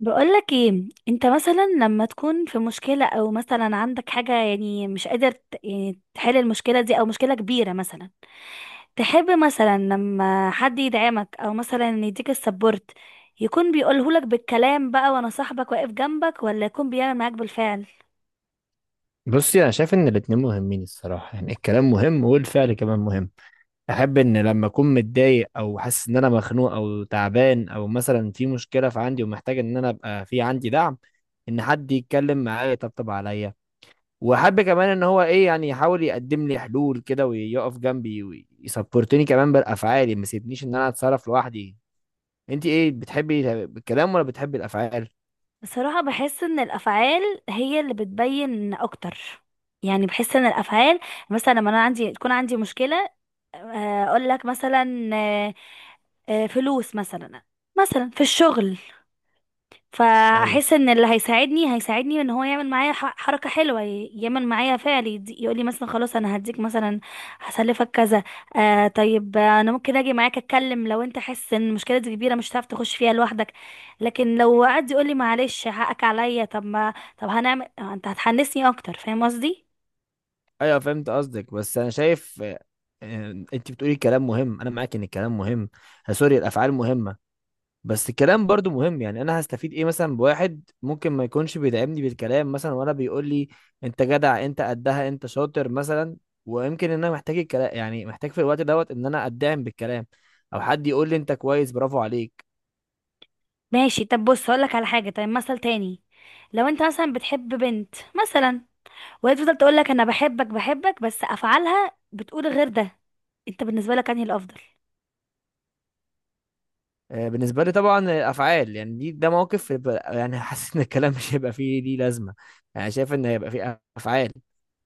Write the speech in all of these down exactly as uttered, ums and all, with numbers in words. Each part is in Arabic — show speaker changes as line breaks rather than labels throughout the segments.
بقولك ايه، انت مثلا لما تكون في مشكلة، او مثلا عندك حاجة يعني مش قادر ت- يعني تحل المشكلة دي، او مشكلة كبيرة مثلا. تحب مثلا لما حد يدعمك، او مثلا يديك السبورت، يكون بيقولهولك بالكلام بقى وانا صاحبك واقف جنبك، ولا يكون بيعمل معاك بالفعل؟
بصي، انا شايف ان الاتنين مهمين الصراحه، يعني الكلام مهم والفعل كمان مهم. احب ان لما اكون متضايق او حاسس ان انا مخنوق او تعبان او مثلا في مشكله في عندي ومحتاج ان انا ابقى في عندي دعم، ان حد يتكلم معايا يطبطب عليا. واحب كمان ان هو ايه يعني يحاول يقدم لي حلول كده ويقف جنبي ويسبورتني كمان بالافعال، ما يسيبنيش ان انا اتصرف لوحدي. انت ايه بتحبي الكلام ولا بتحبي الافعال؟
بصراحة بحس ان الافعال هي اللي بتبين اكتر. يعني بحس ان الافعال، مثلا لما انا عندي تكون عندي مشكله، آه، اقول لك مثلا، آه، آه، فلوس مثلا، مثلا في الشغل، فاحس ان اللي هيساعدني هيساعدني ان هو يعمل معايا ح- حركه حلوه، ي- يعمل معايا فعل، يقول لي مثلا خلاص انا هديك مثلا، هسلفك كذا. آه طيب، آه، انا ممكن اجي معاك اتكلم لو انت حاسس ان المشكله دي كبيره مش هتعرف تخش فيها لوحدك. لكن لو قعد يقول لي معلش حقك عليا، طب ما طب هنعمل، آه، انت هتحنسني اكتر، فاهم قصدي؟
ايوه، فهمت قصدك، بس انا شايف آه، آه، انت بتقولي كلام مهم، انا معاك ان الكلام مهم. آه، سوري، الافعال مهمه. بس الكلام برضو مهم، يعني انا هستفيد ايه مثلا بواحد ممكن ما يكونش بيدعمني بالكلام، مثلا وانا بيقول لي انت جدع، انت قدها، انت شاطر مثلا. ويمكن ان انا محتاج الكلام، يعني محتاج في الوقت دوت ان انا ادعم بالكلام، او حد يقول لي انت كويس، برافو عليك.
ماشي، طب بص هقولك على حاجة. طيب مثل تاني، لو انت مثلا بتحب بنت مثلا، وهي تفضل تقولك انا بحبك بحبك، بس افعالها بتقول غير ده، انت بالنسبة لك انهي الافضل؟
آه، بالنسبه لي طبعا الافعال، يعني دي ده موقف يبقى- يعني حاسس ان الكلام مش هيبقى فيه ليه لازمه. يعني شايف ان هيبقى فيه افعال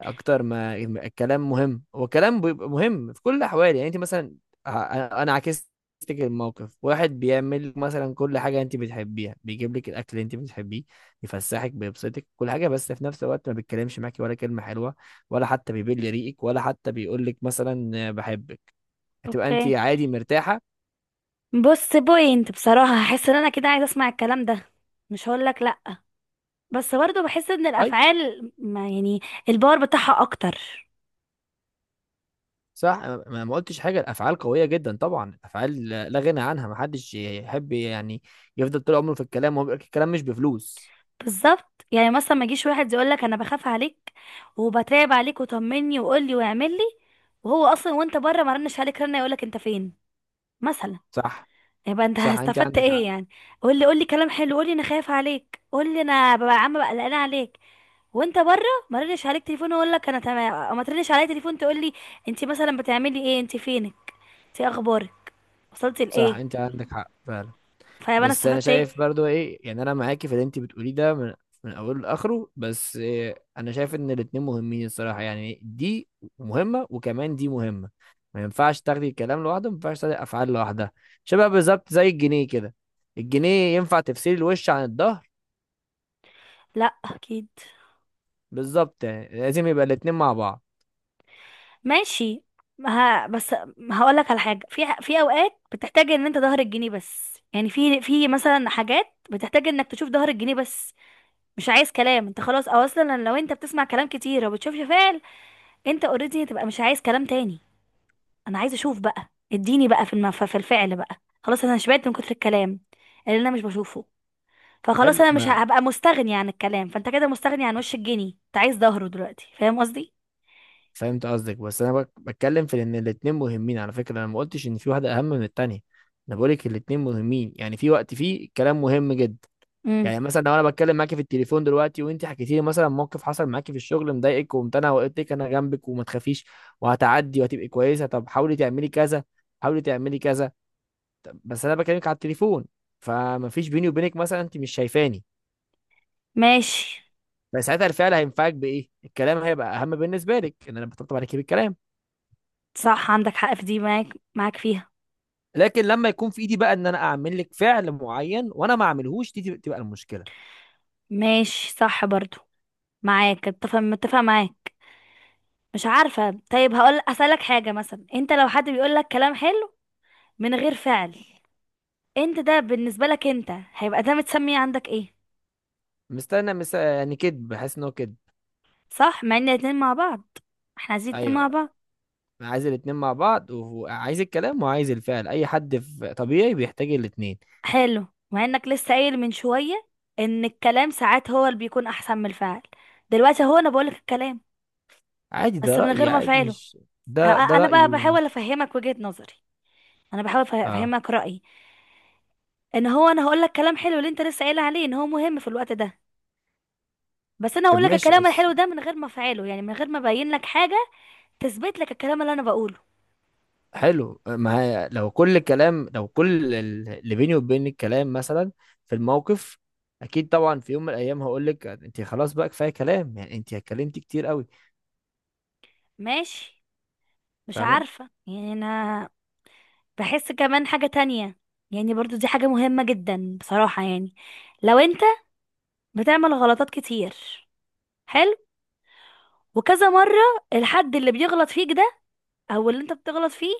اكتر ما الكلام، مهم هو الكلام بيبقى مهم في كل الاحوال، يعني انت مثلا ه- انا عكستك. الموقف واحد بيعمل مثلا كل حاجه انت بتحبيها، بيجيب لك الاكل اللي انت بتحبيه، يفسحك، بيبسطك، كل حاجه، بس في نفس الوقت ما بيتكلمش معاكي ولا كلمه حلوه، ولا حتى بيبل ريقك، ولا حتى بيقول لك مثلا بحبك، هتبقى انت
اوكي،
عادي مرتاحه؟
بص بوينت، بصراحة هحس ان انا كده عايزة اسمع الكلام ده، مش هقولك لأ، بس برضو بحس ان
طيب.
الافعال ما يعني الباور بتاعها اكتر.
صح، أنا ما ما قلتش حاجه، الافعال قويه جدا طبعا، الافعال لا لا غنى عنها، ما حدش يحب يعني يفضل طول عمره في الكلام وهو بيقول لك الكلام مش بفلوس.
بالظبط، يعني مثلا ما يجيش واحد يقولك انا بخاف عليك وبتراقب عليك، وطمني وقولي واعملي، وهو اصلا وانت بره ما رنش عليك رنه يقولك انت فين، مثلا.
صح.
يبقى انت
صح، انت
استفدت
عندك حق.
ايه يعني؟ قول لي قول لي كلام حلو، قول لي انا خايف عليك، قول لي انا ببقى عامه بقى قلقانه عليك وانت بره، ما ردش عليك تليفون، واقول لك انا تمام، او ما تردش عليا تليفون تقول لي انت مثلا بتعملي ايه، انت فينك، انت إيه اخبارك، وصلتي
صح،
لايه.
انت عندك حق فعلا.
فيبقى انا
بس انا
استفدت ايه؟
شايف برضو ايه، يعني انا معاكي في اللي انت بتقوليه ده من من اوله لاخره، بس إيه، انا شايف ان الاتنين مهمين الصراحه، يعني دي مهمه وكمان دي مهمه. ما ينفعش تاخدي الكلام لوحده، ما ينفعش تاخدي الافعال لوحدها، شبه بالظبط زي الجنيه كده، الجنيه ينفع تفصلي الوش عن الظهر؟
لا اكيد.
بالظبط، يعني لازم يبقى الاتنين مع بعض.
ماشي، ها بس هقول لك على حاجه. في في اوقات بتحتاج ان انت ظهر الجنيه بس، يعني في في مثلا حاجات بتحتاج انك تشوف ظهر الجنيه بس، مش عايز كلام انت، خلاص. او اصلا لو انت بتسمع كلام كتير وبتشوفش فعل، انت اوريدي هتبقى مش عايز كلام تاني. انا عايز اشوف بقى، اديني بقى في المف... في الفعل بقى. خلاص انا شبعت من كتر الكلام اللي انا مش بشوفه. فخلاص
حلو،
انا مش
ما
ه- هبقى مستغني عن الكلام، فانت كده مستغني عن وش الجني، انت عايز ظهره دلوقتي، فاهم قصدي؟
فهمت قصدك بس انا بك- بتكلم في ان الاتنين مهمين، على فكره انا ما قلتش ان في واحده اهم من التانيه، انا بقولك الاتنين مهمين، يعني في وقت فيه الكلام مهم جدا.
امم.
يعني مثلا لو انا بتكلم معاكي في التليفون دلوقتي وانت حكيتي لي مثلا موقف حصل معاكي في الشغل مضايقك، وقمت انا وقلت لك انا جنبك وما تخافيش وهتعدي وهتبقي كويسه، طب حاولي تعملي كذا، حاولي تعملي كذا، طب بس انا بكلمك على التليفون، فما فيش بيني وبينك، مثلا انت مش شايفاني،
ماشي.
فساعتها الفعل هينفعك بايه؟ الكلام هيبقى اهم بالنسبه لك ان انا بطبطب عليكي بالكلام.
صح عندك حق في دي، معاك معاك فيها.
لكن لما يكون في ايدي بقى ان انا اعمل لك فعل معين وانا ما اعملهوش، دي تبقى تبقى المشكله.
ماشي صح برضو، معاك، اتفق متفق معاك. مش عارفة، طيب هقول أسألك حاجة. مثلا انت لو حد بيقول لك كلام حلو من غير فعل، انت ده بالنسبة لك، انت هيبقى ده متسمي عندك ايه؟
مستنى مس... يعني كدب، بحس ان هو كدب.
صح، مع ان الاتنين مع بعض، احنا عايزين اتنين مع
ايوه،
بعض.
أنا عايز الاتنين مع بعض وعايز الكلام وعايز الفعل، اي حد في طبيعي بيحتاج الاتنين.
حلو، مع انك لسه قايل من شوية ان الكلام ساعات هو اللي بيكون احسن من الفعل. دلوقتي هو انا بقولك الكلام
عادي، ده
بس من
رايي،
غير ما
عادي
افعله.
مش؟
اه
ده
اه،
ده
انا بقى
رايي،
بحاول
مش؟
افهمك وجهة نظري، انا بحاول افه-
اه.
افهمك رأيي، ان هو انا هقولك كلام حلو اللي انت لسه قايل عليه ان هو مهم في الوقت ده، بس انا
طب
هقولك
ماشي،
الكلام
بس.
الحلو ده من غير ما افعله، يعني من غير ما ابين لك حاجة تثبت لك الكلام اللي انا بقوله.
حلو ما هي، لو كل الكلام، لو كل ال- اللي بيني وبين الكلام مثلا في الموقف، اكيد طبعا في يوم من الايام هقول لك انت خلاص بقى كفايه كلام، يعني انت اتكلمتي كتير قوي.
ماشي، مش
فاهمه.
عارفة يعني انا بحس كمان حاجة تانية، يعني برضو دي حاجة مهمة جدا بصراحة. يعني لو انت بتعمل غلطات كتير، حلو، وكذا مرة، الحد اللي بيغلط فيك ده او اللي انت بتغلط فيه،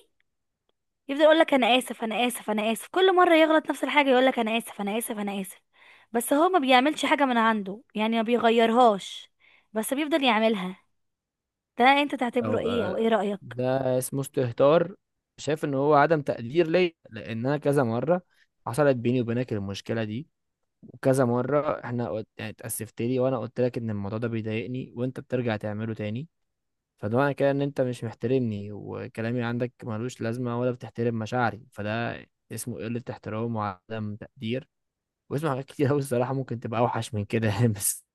يفضل يقولك انا اسف، انا اسف، انا اسف، كل مرة يغلط نفس الحاجة يقولك انا اسف، انا اسف، انا اسف، بس هو ما بيعملش حاجة من عنده، يعني ما بيغيرهاش، بس بيفضل يعملها، ده انت تعتبره
او
ايه او
آه،
ايه رأيك؟
ده اسمه استهتار، شايف ان هو عدم تقدير ليا، لان انا كذا مره حصلت بيني وبينك المشكله دي، وكذا مره احنا قلت- يعني اتاسفت لي وانا قلت لك ان الموضوع ده بيضايقني وانت بترجع تعمله تاني، فده معنى كده ان انت مش محترمني وكلامي عندك ملوش لازمه ولا بتحترم مشاعري، فده اسمه قله احترام وعدم تقدير. واسمع حاجات كتير قوي الصراحه ممكن تبقى اوحش من كده يعني بس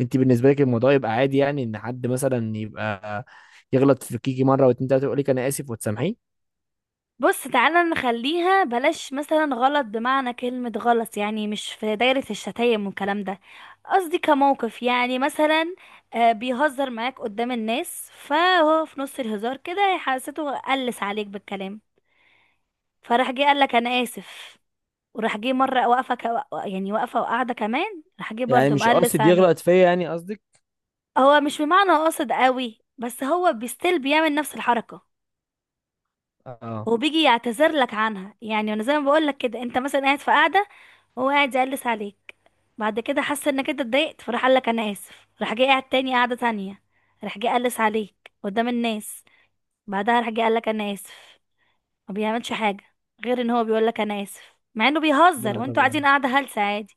انت بالنسبه لك الموضوع يبقى عادي، يعني ان حد مثلا يبقى يغلط في كيكي مره واتنين تلاته يقول لك انا اسف وتسامحيه؟
بص تعالى نخليها بلاش مثلا غلط بمعنى كلمة غلط، يعني مش في دايرة الشتايم والكلام ده. قصدي كموقف، يعني مثلا آه، بيهزر معاك قدام الناس، فهو في نص الهزار كده حسيته قلس عليك بالكلام، فراح جه قال لك انا اسف، وراح جه مره واقفه كوا- يعني واقفه وقاعده كمان، راح جه
يعني
برضه
مش
مقلس
قاصد
عليك.
يغلط فيا، يعني قصدك؟
هو مش بمعنى قاصد قوي، بس هو بيستيل بيعمل نفس الحركه،
اه.
هو بيجي يعتذر لك عنها. يعني انا زي ما بقول لك كده، انت مثلا قاعد في قاعده، هو قاعد يقلس عليك، بعد كده حس انك انت اتضايقت، فراح قال لك انا اسف، راح جاي قاعد تاني قاعده تانية، راح جاي قلس عليك قدام الناس، بعدها راح جاي قال لك انا اسف. ما بيعملش حاجه غير ان هو بيقول لك انا اسف، مع انه بيهزر
لا
وانتوا
طبعا،
قاعدين قاعده هلسه عادي.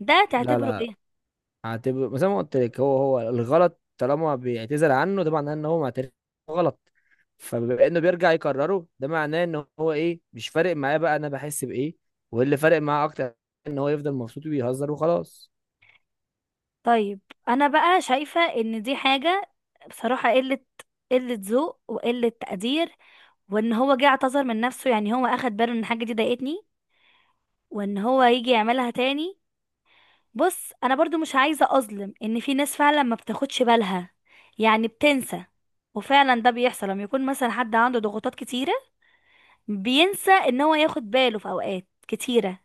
ده
لا
تعتبره
لا،
ايه؟
هتبقى زي ما قلت لك، هو هو الغلط، طالما بيعتذر عنه ده معناه ان هو معترف غلط، فبما انه بيرجع يكرره ده معناه ان هو ايه، مش فارق معاه بقى انا بحس بايه، واللي فارق معاه اكتر ان هو يفضل مبسوط وبيهزر وخلاص.
طيب انا بقى شايفه ان دي حاجه بصراحه قله قله ذوق وقله تقدير، وان هو جه اعتذر من نفسه يعني هو اخد باله ان الحاجه دي ضايقتني، وان هو يجي يعملها تاني. بص انا برضو مش عايزه اظلم، ان في ناس فعلا ما بتاخدش بالها، يعني بتنسى، وفعلا ده بيحصل لما يكون مثلا حد عنده ضغوطات كتيره، بينسى ان هو ياخد باله في اوقات كتيره.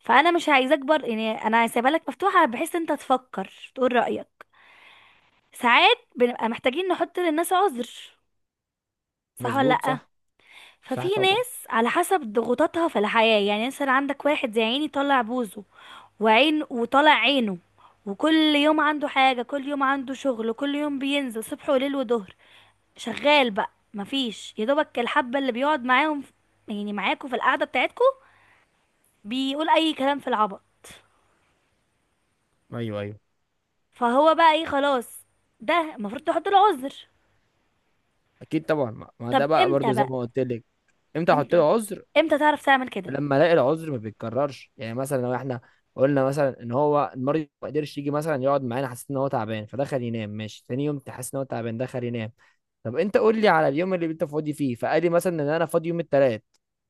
فانا مش عايزه اكبر، يعني انا سايبه لك مفتوحه بحيث انت تفكر تقول رايك. ساعات بنبقى محتاجين نحط للناس عذر، صح ولا
مظبوط،
لا؟
صح.
ففي
صح طبعا.
ناس على حسب ضغوطاتها في الحياة، يعني مثلا عندك واحد زي عيني طالع بوزه وعين وطالع عينه، وكل يوم عنده حاجة، كل يوم عنده شغل، كل يوم بينزل صبح وليل وظهر، شغال بقى مفيش يا دوبك الحبة اللي بيقعد معاهم، يعني معاكوا في القعدة بتاعتكوا، بيقول أي كلام في العبط.
ايوه ايوه،
فهو بقى ايه، خلاص، ده المفروض تحط له عذر.
اكيد طبعا، ما ما
طب
ده بقى
امتى
برضو زي
بقى؟
ما قلت لك. امتى احط
امتى،
له عذر؟
امتى تعرف تعمل كده؟
لما الاقي العذر ما بيتكررش، يعني مثلا لو احنا قلنا مثلا ان هو المريض ما قدرش يجي مثلا يقعد معانا، حسيت ان هو تعبان فدخل ينام ماشي، تاني يوم تحس ان هو تعبان دخل ينام، طب انت قول لي على اليوم اللي انت فاضي فيه، فقال لي مثلا ان انا فاضي يوم الثلاث،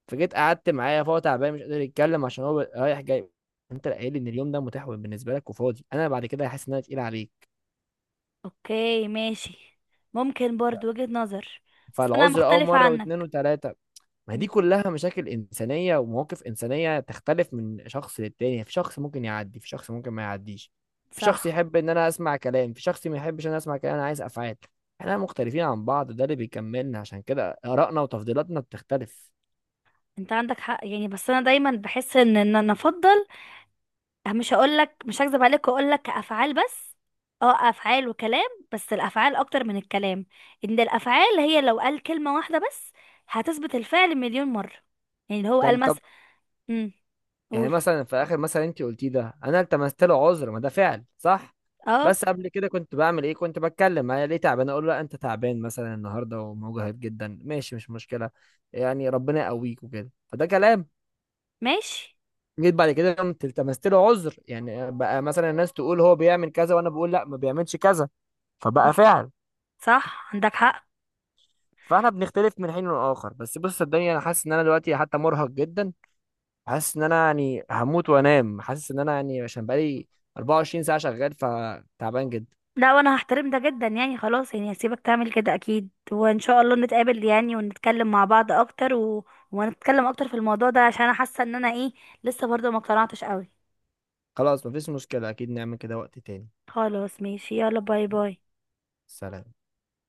فجيت قعدت معاه، فهو تعبان مش قادر يتكلم عشان هو رايح جاي، انت اللي قايل لي ان اليوم ده متاح بالنسبه لك وفاضي، انا بعد كده هحس ان انا تقيل عليك.
اوكي ماشي، ممكن برضو وجهة نظر، بس انا
فالعذر اه
مختلفة
مره واثنين
عنك.
وثلاثه، ما
مم،
دي كلها مشاكل إنسانية ومواقف إنسانية، تختلف من شخص للتاني، في شخص ممكن يعدي، في شخص ممكن ما يعديش، في شخص
صح،
يحب إن أنا أسمع كلام، في شخص ما يحبش إن أنا أسمع كلام، أنا عايز أفعال، إحنا مختلفين عن بعض، ده اللي بيكملنا، عشان كده آرائنا وتفضيلاتنا بتختلف.
انت عندك حق يعني، بس انا دايما بحس ان ان انا افضل، مش هقولك مش هكذب عليك واقولك كافعال بس، اه افعال وكلام، بس الافعال اكتر من الكلام. ان الافعال هي لو قال كلمة واحدة بس، هتثبت الفعل مليون مرة. يعني اللي هو
يعني
قال
طب،
مثلا. امم.
يعني
قول.
مثلا في آخر مثلا أنت قلتيه ده، أنا التمست له عذر، ما ده فعل، صح؟
اه
بس قبل كده كنت بعمل إيه؟ كنت بتكلم، أنا ليه تعبان، أقول له لا أنت تعبان مثلا النهاردة ومجهد جدا، ماشي مش مشكلة، يعني ربنا يقويك وكده، فده كلام.
ماشي.
جيت بعد كده قمت التمست له عذر، يعني بقى مثلا الناس تقول هو بيعمل كذا وانا بقول لا ما بيعملش كذا،
مم،
فبقى فعل.
صح عندك حق.
فاحنا بنختلف من حين لآخر، بس بص صدقني انا حاسس ان انا دلوقتي حتى مرهق جدا، حاسس ان انا يعني هموت وانام، حاسس ان انا يعني عشان بقالي اربعه وعشرين ساعة شغال، فتعبان جدا.
لا، وانا هحترم ده جدا يعني خلاص، يعني هسيبك تعمل كده اكيد، وان شاء الله نتقابل يعني ونتكلم مع بعض اكتر و... ونتكلم اكتر في الموضوع ده، عشان انا حاسه ان انا ايه، لسه برضه ما اقتنعتش قوي.
خلاص، مفيش مشكلة، اكيد نعمل كده وقت تاني.
خلاص ماشي، يلا باي باي.
سلام.